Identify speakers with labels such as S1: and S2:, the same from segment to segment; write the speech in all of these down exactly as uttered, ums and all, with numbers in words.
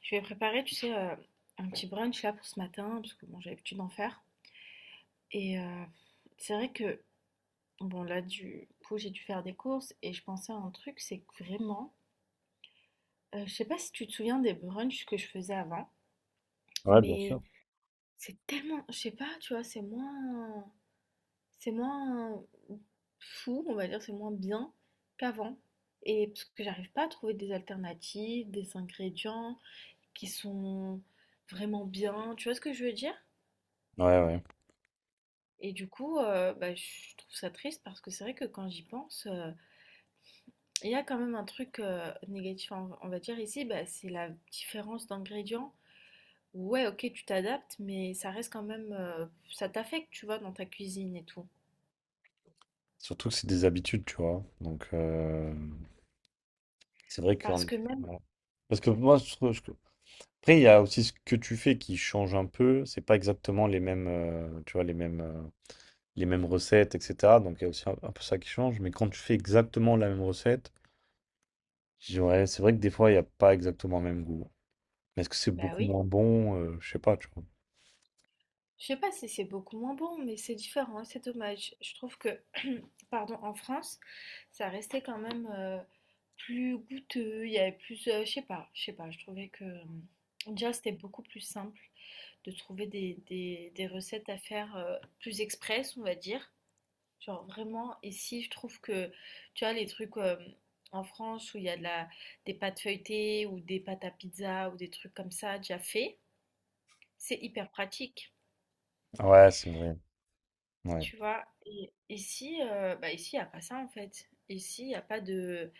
S1: Je vais préparer, tu sais, euh, un petit brunch là pour ce matin, parce que bon, j'ai l'habitude d'en faire. Et euh, c'est vrai que, bon, là, du coup, j'ai dû faire des courses et je pensais à un truc, c'est que vraiment, euh, je sais pas si tu te souviens des brunchs que je faisais avant,
S2: Ouais, bien sûr.
S1: mais c'est tellement, je sais pas, tu vois, c'est moins, c'est moins fou, on va dire, c'est moins bien qu'avant. Et parce que j'arrive pas à trouver des alternatives, des ingrédients qui sont vraiment bien, tu vois ce que je veux dire?
S2: Ouais, ouais.
S1: Et du coup, heu, bah, je trouve ça triste parce que c'est vrai que quand j'y pense, heu, il y a quand même un truc, heu, négatif, on va on va dire ici, bah, c'est la différence d'ingrédients. Ouais, OK, tu t'adaptes, mais ça reste quand même, heu, ça t'affecte, tu vois, dans ta cuisine et tout.
S2: Surtout que c'est des habitudes, tu vois. Donc, euh, c'est vrai que.
S1: Parce que même
S2: Ouais. Parce que moi, je trouve. Je- Après, il y a aussi ce que tu fais qui change un peu. C'est pas exactement les mêmes, euh, tu vois, les mêmes, euh, les mêmes recettes, et cetera. Donc, il y a aussi un, un peu ça qui change. Mais quand tu fais exactement la même recette, je dirais, c'est vrai que des fois, il n'y a pas exactement le même goût. Mais est-ce que c'est
S1: bah,
S2: beaucoup
S1: oui,
S2: moins bon? Euh, je sais pas, tu vois.
S1: je sais pas si c'est beaucoup moins bon, mais c'est différent et c'est dommage. Je trouve que, pardon, en France, ça restait quand même, heu, plus goûteux, il y avait plus, heu, je sais pas, je sais pas, je trouvais que, mmh, déjà, c'était beaucoup plus simple. de trouver des, des, des recettes à faire euh, plus express, on va dire. Genre vraiment, et si je trouve que, tu vois, les trucs euh, en France où il y a de la, des pâtes feuilletées ou des pâtes à pizza ou des trucs comme ça déjà faits, c'est hyper pratique,
S2: Ouais, c'est vrai. Ouais.
S1: tu vois. Et ici, euh, bah ici, il n'y a pas ça en fait. Ici, il n'y a pas de,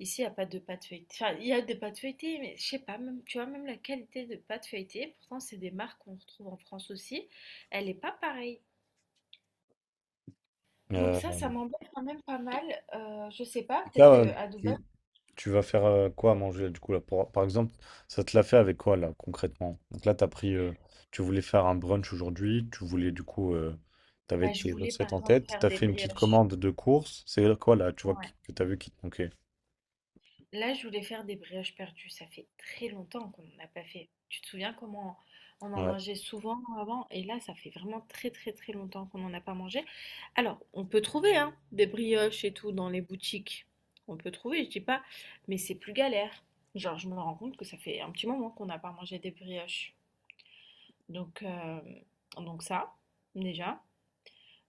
S1: ici, il y a pas de pâtes feuilletées. Enfin, il y a des pâtes feuilletées, mais je sais pas, même, tu vois, même la qualité de pâtes feuilletées, pourtant, c'est des marques qu'on retrouve en France aussi, elle n'est pas pareille. Donc
S2: Euh,
S1: ça, ça m'embête quand même pas mal. Euh, je sais pas,
S2: donc
S1: peut-être
S2: là,
S1: que
S2: ouais,
S1: à Dubaï,
S2: tu- tu vas faire euh, quoi à manger là, du coup là pour- par exemple, ça te l'a fait avec quoi là concrètement? Donc là, t'as pris, euh, tu voulais faire un brunch aujourd'hui, tu voulais du coup, euh, t'avais
S1: bah, je
S2: tes
S1: voulais par
S2: recettes en
S1: exemple
S2: tête,
S1: faire
S2: t'as
S1: des
S2: fait une petite
S1: brioches.
S2: commande de course. C'est quoi là? Tu vois
S1: Ouais.
S2: qui- que t'as vu qui te manquait?
S1: Là, je voulais faire des brioches perdues. Ça fait très longtemps qu'on n'en a pas fait. Tu te souviens comment on en
S2: Ouais.
S1: mangeait souvent avant? Et là, ça fait vraiment très très très longtemps qu'on n'en a pas mangé. Alors, on peut trouver hein, des brioches et tout dans les boutiques. On peut trouver, je dis pas, mais c'est plus galère. Genre, je me rends compte que ça fait un petit moment qu'on n'a pas mangé des brioches. Donc, euh, donc ça, déjà.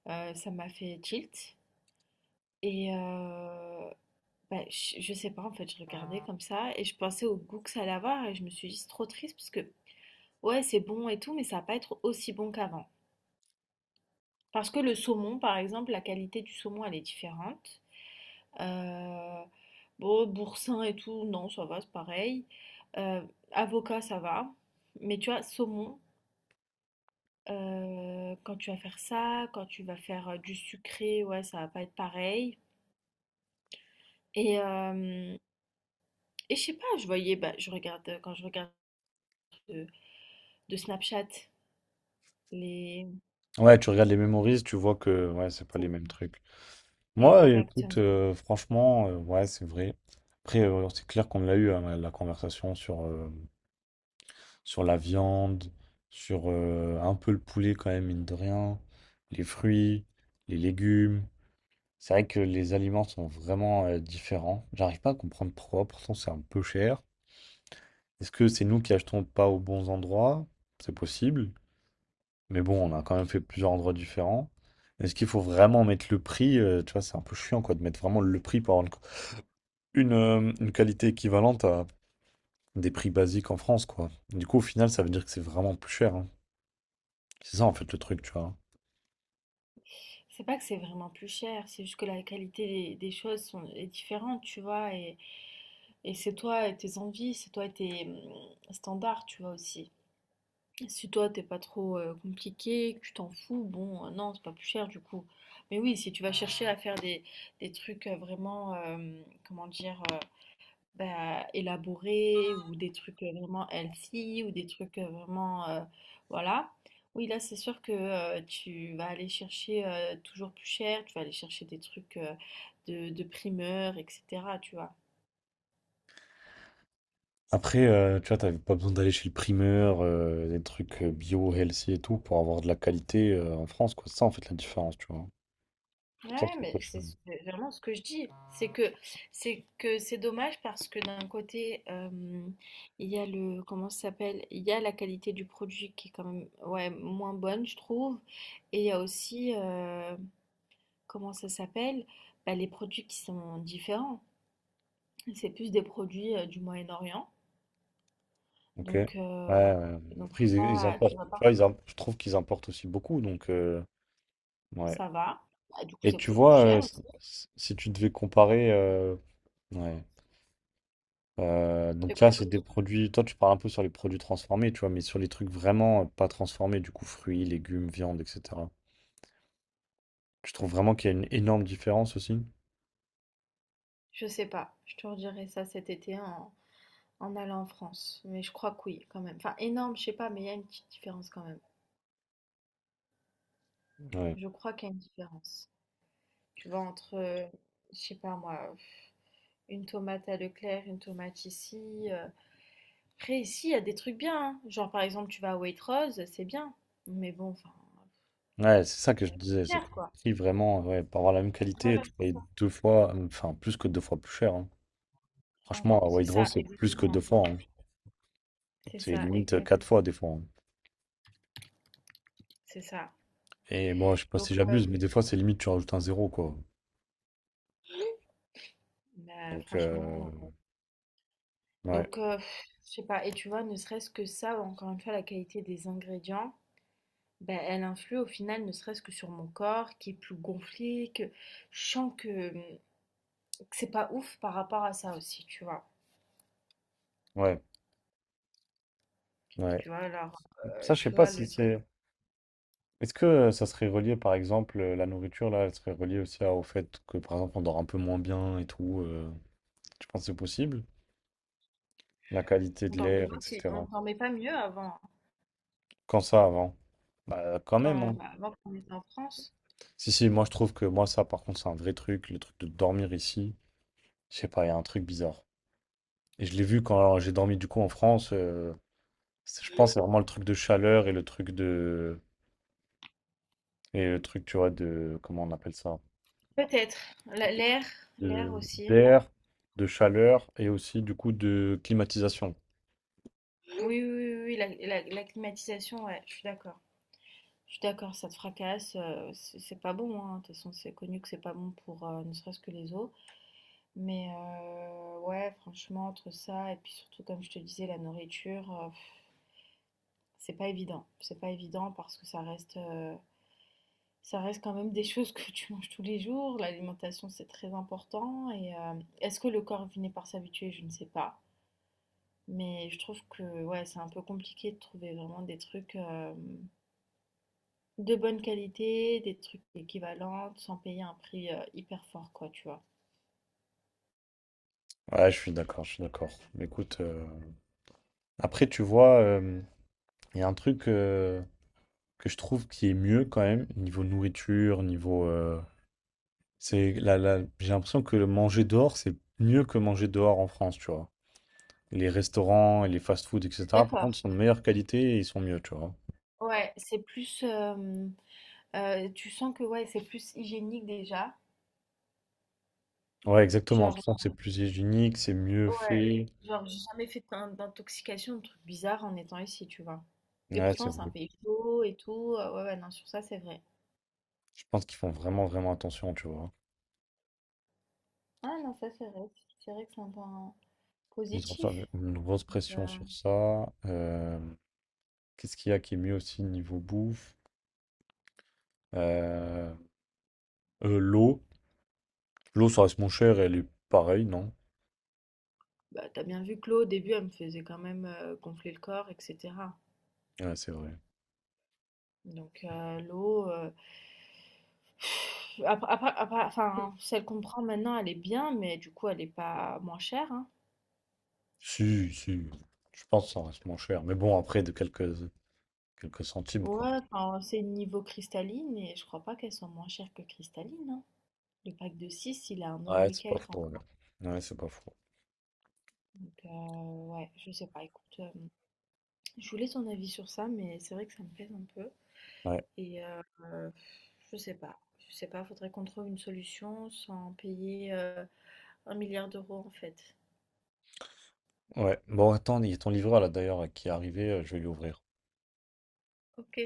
S1: Euh, ça m'a fait tilt. Et euh, bah, je, je sais pas, en fait, je regardais comme ça et je pensais au goût que ça allait avoir et je me suis dit, c'est trop triste parce que, ouais, c'est bon et tout, mais ça va pas être aussi bon qu'avant. Parce que le saumon, par exemple, la qualité du saumon, elle est différente. Euh, bon, boursin et tout, non, ça va, c'est pareil. Euh, Avocat, ça va. Mais tu vois, saumon, euh, quand tu vas faire ça, quand tu vas faire euh, du sucré, ouais, ça va pas être pareil. Et, euh, Et je sais pas, je voyais, bah, je regarde, euh, quand je regarde de, de Snapchat, les...
S2: Ouais, tu regardes les memories, tu vois que ouais, c'est pas les mêmes trucs. Moi, écoute,
S1: Exactement.
S2: euh, franchement, euh, ouais, c'est vrai. Après, euh, c'est clair qu'on l'a eu hein, la la conversation sur. Euh, sur la viande, sur euh, un peu le poulet quand même, mine de rien, les fruits, les légumes. C'est vrai que les aliments sont vraiment euh, différents. J'arrive pas à comprendre pourquoi, pourtant c'est un peu cher. Est-ce que c'est nous qui achetons pas aux bons endroits? C'est possible. Mais bon, on a quand même fait plusieurs endroits différents. Est-ce qu'il faut vraiment mettre le prix? Euh, tu vois, c'est un peu chiant quoi, de mettre vraiment le prix pour avoir une, une, euh, une qualité équivalente à des prix basiques en France, quoi. Du coup, au final, ça veut dire que c'est vraiment plus cher, hein. C'est ça, en fait, le truc, tu vois.
S1: C'est pas que c'est vraiment plus cher, c'est juste que la qualité des, des choses sont, est différente, tu vois, et, et c'est toi et tes envies, c'est toi et tes hum, standards, tu vois, aussi. Si toi, t'es pas trop euh, compliqué, que tu t'en fous, bon, euh, non, c'est pas plus cher, du coup. Mais oui, si tu vas chercher à faire des, des trucs euh, vraiment, euh, comment dire... euh, bah, élaborés ou des trucs euh, vraiment healthy ou des trucs euh, vraiment euh, voilà. Oui, là, c'est sûr que euh, tu vas aller chercher euh, toujours plus cher, tu vas aller chercher des trucs euh, de, de primeur, et cetera. Tu vois.
S2: Après, euh, tu vois, t'avais pas besoin d'aller chez le primeur, euh, des trucs euh, bio, healthy et tout, pour avoir de la qualité euh, en France, quoi. C'est ça, en fait, la différence, tu vois. C'est ça
S1: Ouais,
S2: qui est
S1: mais
S2: pas
S1: c'est
S2: cher.
S1: c'est vraiment ce que je dis. C'est que c'est que c'est dommage parce que d'un côté, euh, il y a le comment ça s'appelle? Il y a la qualité du produit qui est quand même ouais moins bonne, je trouve. Et il y a aussi euh, comment ça s'appelle? Bah, les produits qui sont différents. C'est plus des produits, heu, du Moyen-Orient,
S2: Ok. Ouais,
S1: donc heu,
S2: ouais. Ouais.
S1: donc
S2: Après,
S1: c'est
S2: ils, ils
S1: pas tu
S2: importent,
S1: vas
S2: tu
S1: pas
S2: vois, ils im- je trouve qu'ils importent aussi beaucoup, donc, euh, ouais.
S1: ça va. Bah, du coup,
S2: Et
S1: c'est
S2: tu
S1: beaucoup plus
S2: vois, euh,
S1: cher aussi.
S2: si si tu devais comparer, euh, ouais. Euh,
S1: C'est
S2: donc
S1: quoi
S2: là,
S1: ta
S2: c'est des
S1: question?
S2: produits, toi, tu parles un peu sur les produits transformés, tu vois, mais sur les trucs vraiment euh, pas transformés, du coup, fruits, légumes, viande, et cetera. Je trouve vraiment qu'il y a une énorme différence aussi.
S1: Je sais pas, je te redirai ça cet été en en allant en France, mais je crois que oui, quand même. Enfin énorme, je sais pas, mais il y a une petite différence quand même.
S2: Ouais,
S1: Je crois qu'il y a une différence. Tu vois, entre, heu, je sais pas moi, pff, une tomate à Leclerc, une tomate ici, euh, après ici, il y a des trucs bien, hein. Genre, par exemple, tu vas à Waitrose, c'est bien. Mais bon, enfin,
S2: ouais c'est ça que
S1: euh,
S2: je disais,
S1: c'est
S2: c'est que
S1: cher,
S2: le
S1: quoi.
S2: prix vraiment, ouais, pour avoir la même qualité,
S1: Voilà,
S2: tu
S1: c'est
S2: payes
S1: ça.
S2: deux fois, euh, enfin plus que deux fois plus cher, hein.
S1: Ah,
S2: Franchement, à
S1: c'est ça,
S2: Waitrose, c'est plus que
S1: exactement.
S2: deux fois, hein.
S1: C'est
S2: C'est
S1: ça,
S2: limite euh,
S1: exact.
S2: quatre fois des fois, hein.
S1: C'est ça.
S2: Et bon, je sais pas
S1: Donc,
S2: si
S1: euh,
S2: j'abuse, mais des fois, c'est limite tu rajoutes un zéro, quoi.
S1: bah,
S2: Donc, euh,
S1: franchement, euh,
S2: ouais,
S1: donc, euh, pff, je sais pas. Et tu vois, ne serait-ce que ça, encore une fois, la qualité des ingrédients, ben elle influe au final, ne serait-ce que sur mon corps, qui est plus gonflé, que je sens que, hum, que c'est pas ouf par rapport à ça aussi, tu vois.
S2: ouais, ouais.
S1: Tu vois, alors,
S2: Ça,
S1: euh,
S2: je sais
S1: tu
S2: pas
S1: vois,
S2: si
S1: le truc.
S2: c'est. Est-ce que euh, ça serait relié, par exemple, euh, la nourriture, là, elle serait reliée aussi à- au fait que, par exemple, on dort un peu moins bien et tout. Euh, tu penses que c'est possible? La qualité
S1: On
S2: de
S1: dormait
S2: l'air,
S1: pas aussi- on
S2: et cetera.
S1: dormait pas mieux avant.
S2: Quand ça avant? Bah quand même,
S1: Quand
S2: hein.
S1: bah, avant qu'on était en France.
S2: Si, si, moi je trouve que moi ça par contre c'est un vrai truc, le truc de dormir ici, je sais pas, il y a un truc bizarre. Et je l'ai vu quand euh, j'ai dormi du coup en France, euh, c'est- je pense que c'est vraiment le truc de chaleur et le truc de... Et le truc, tu vois, de... Comment on appelle ça?
S1: Peut-être. La- L'air, l'air
S2: De...
S1: aussi.
S2: D'air, de chaleur et aussi du coup de climatisation.
S1: Oui, oui, oui, oui, la, la- la climatisation, ouais, je suis d'accord. Je suis d'accord, ça te fracasse, euh, c'est c'est pas bon, hein. De toute façon, c'est connu que c'est pas bon pour euh, ne serait-ce que les os. Mais euh, ouais, franchement, entre ça et puis surtout, comme je te disais, la nourriture, euh, pff, c'est pas évident. C'est pas évident parce que ça reste, euh, ça reste quand même des choses que tu manges tous les jours. L'alimentation, c'est très important. Et euh, est-ce que le corps finit par s'habituer? Je ne sais pas. Mais je trouve que ouais, c'est un peu compliqué de trouver vraiment des trucs euh, de bonne qualité, des trucs équivalents, sans payer un prix euh, hyper fort, quoi, tu vois.
S2: Ouais, je suis d'accord, je suis d'accord. Mais écoute, euh, après tu vois, euh, il y a un truc euh, que je trouve qui est mieux quand même, niveau nourriture, niveau... euh, C'est la, la- j'ai l'impression que le manger dehors, c'est mieux que manger dehors en France, tu vois. Les restaurants et les fast-food, et cetera, par contre,
S1: D'accord.
S2: sont de meilleure qualité et ils sont mieux, tu vois.
S1: Ouais, c'est plus. Euh, euh, tu sens que ouais, c'est plus hygiénique déjà.
S2: Ouais, exactement. Tu
S1: Genre,
S2: sens que c'est plus hygiénique, c'est mieux
S1: euh, ouais.
S2: fait.
S1: Genre, j'ai jamais fait d'in- d'intoxication, de trucs bizarres en étant ici, tu vois. Et
S2: Ouais, c'est
S1: pourtant, c'est un
S2: vrai.
S1: pays chaud et tout. euh, Ouais, ouais, non, sur ça, c'est vrai.
S2: Je pense qu'ils font vraiment, vraiment attention, tu vois.
S1: Ah non, ça, c'est vrai. C'est vrai que c'est un point
S2: Ils ont
S1: positif.
S2: ça, une grosse pression
S1: Euh,
S2: sur ça. Euh, qu'est-ce qu'il y a qui est mieux aussi niveau bouffe? Euh, euh, L'eau. L'eau, ça reste moins cher, elle est pareille, non?
S1: Bah, t'as bien vu que l'eau, au début, elle me faisait quand même euh, gonfler le corps, et cetera.
S2: Ouais, c'est vrai.
S1: Donc, euh, l'eau, euh, après, après- après- enfin, celle qu'on prend maintenant, elle est bien, mais du coup, elle n'est pas moins chère, hein.
S2: Si, si, je pense que ça reste moins cher. Mais bon, après, de quelques, quelques centimes, quoi.
S1: Ouais, enfin, c'est niveau cristalline, et je crois pas qu'elle soit moins chère que cristalline, hein. Le pack de six il a un euro
S2: Ouais,
S1: et
S2: c'est pas
S1: quelques, en
S2: faux. Ouais,
S1: France.
S2: Ouais, c'est pas faux.
S1: Donc, euh, ouais, je sais pas, écoute, euh, je voulais ton avis sur ça, mais c'est vrai que ça me pèse un peu,
S2: Ouais,
S1: et euh, euh, je sais pas. Je sais pas, faudrait qu'on trouve une solution sans payer euh, Un milliard d'euros en fait.
S2: ouais. Bon, attends, il y a ton livreur, là, d'ailleurs, qui est arrivé. euh, Je vais lui ouvrir.
S1: Ok.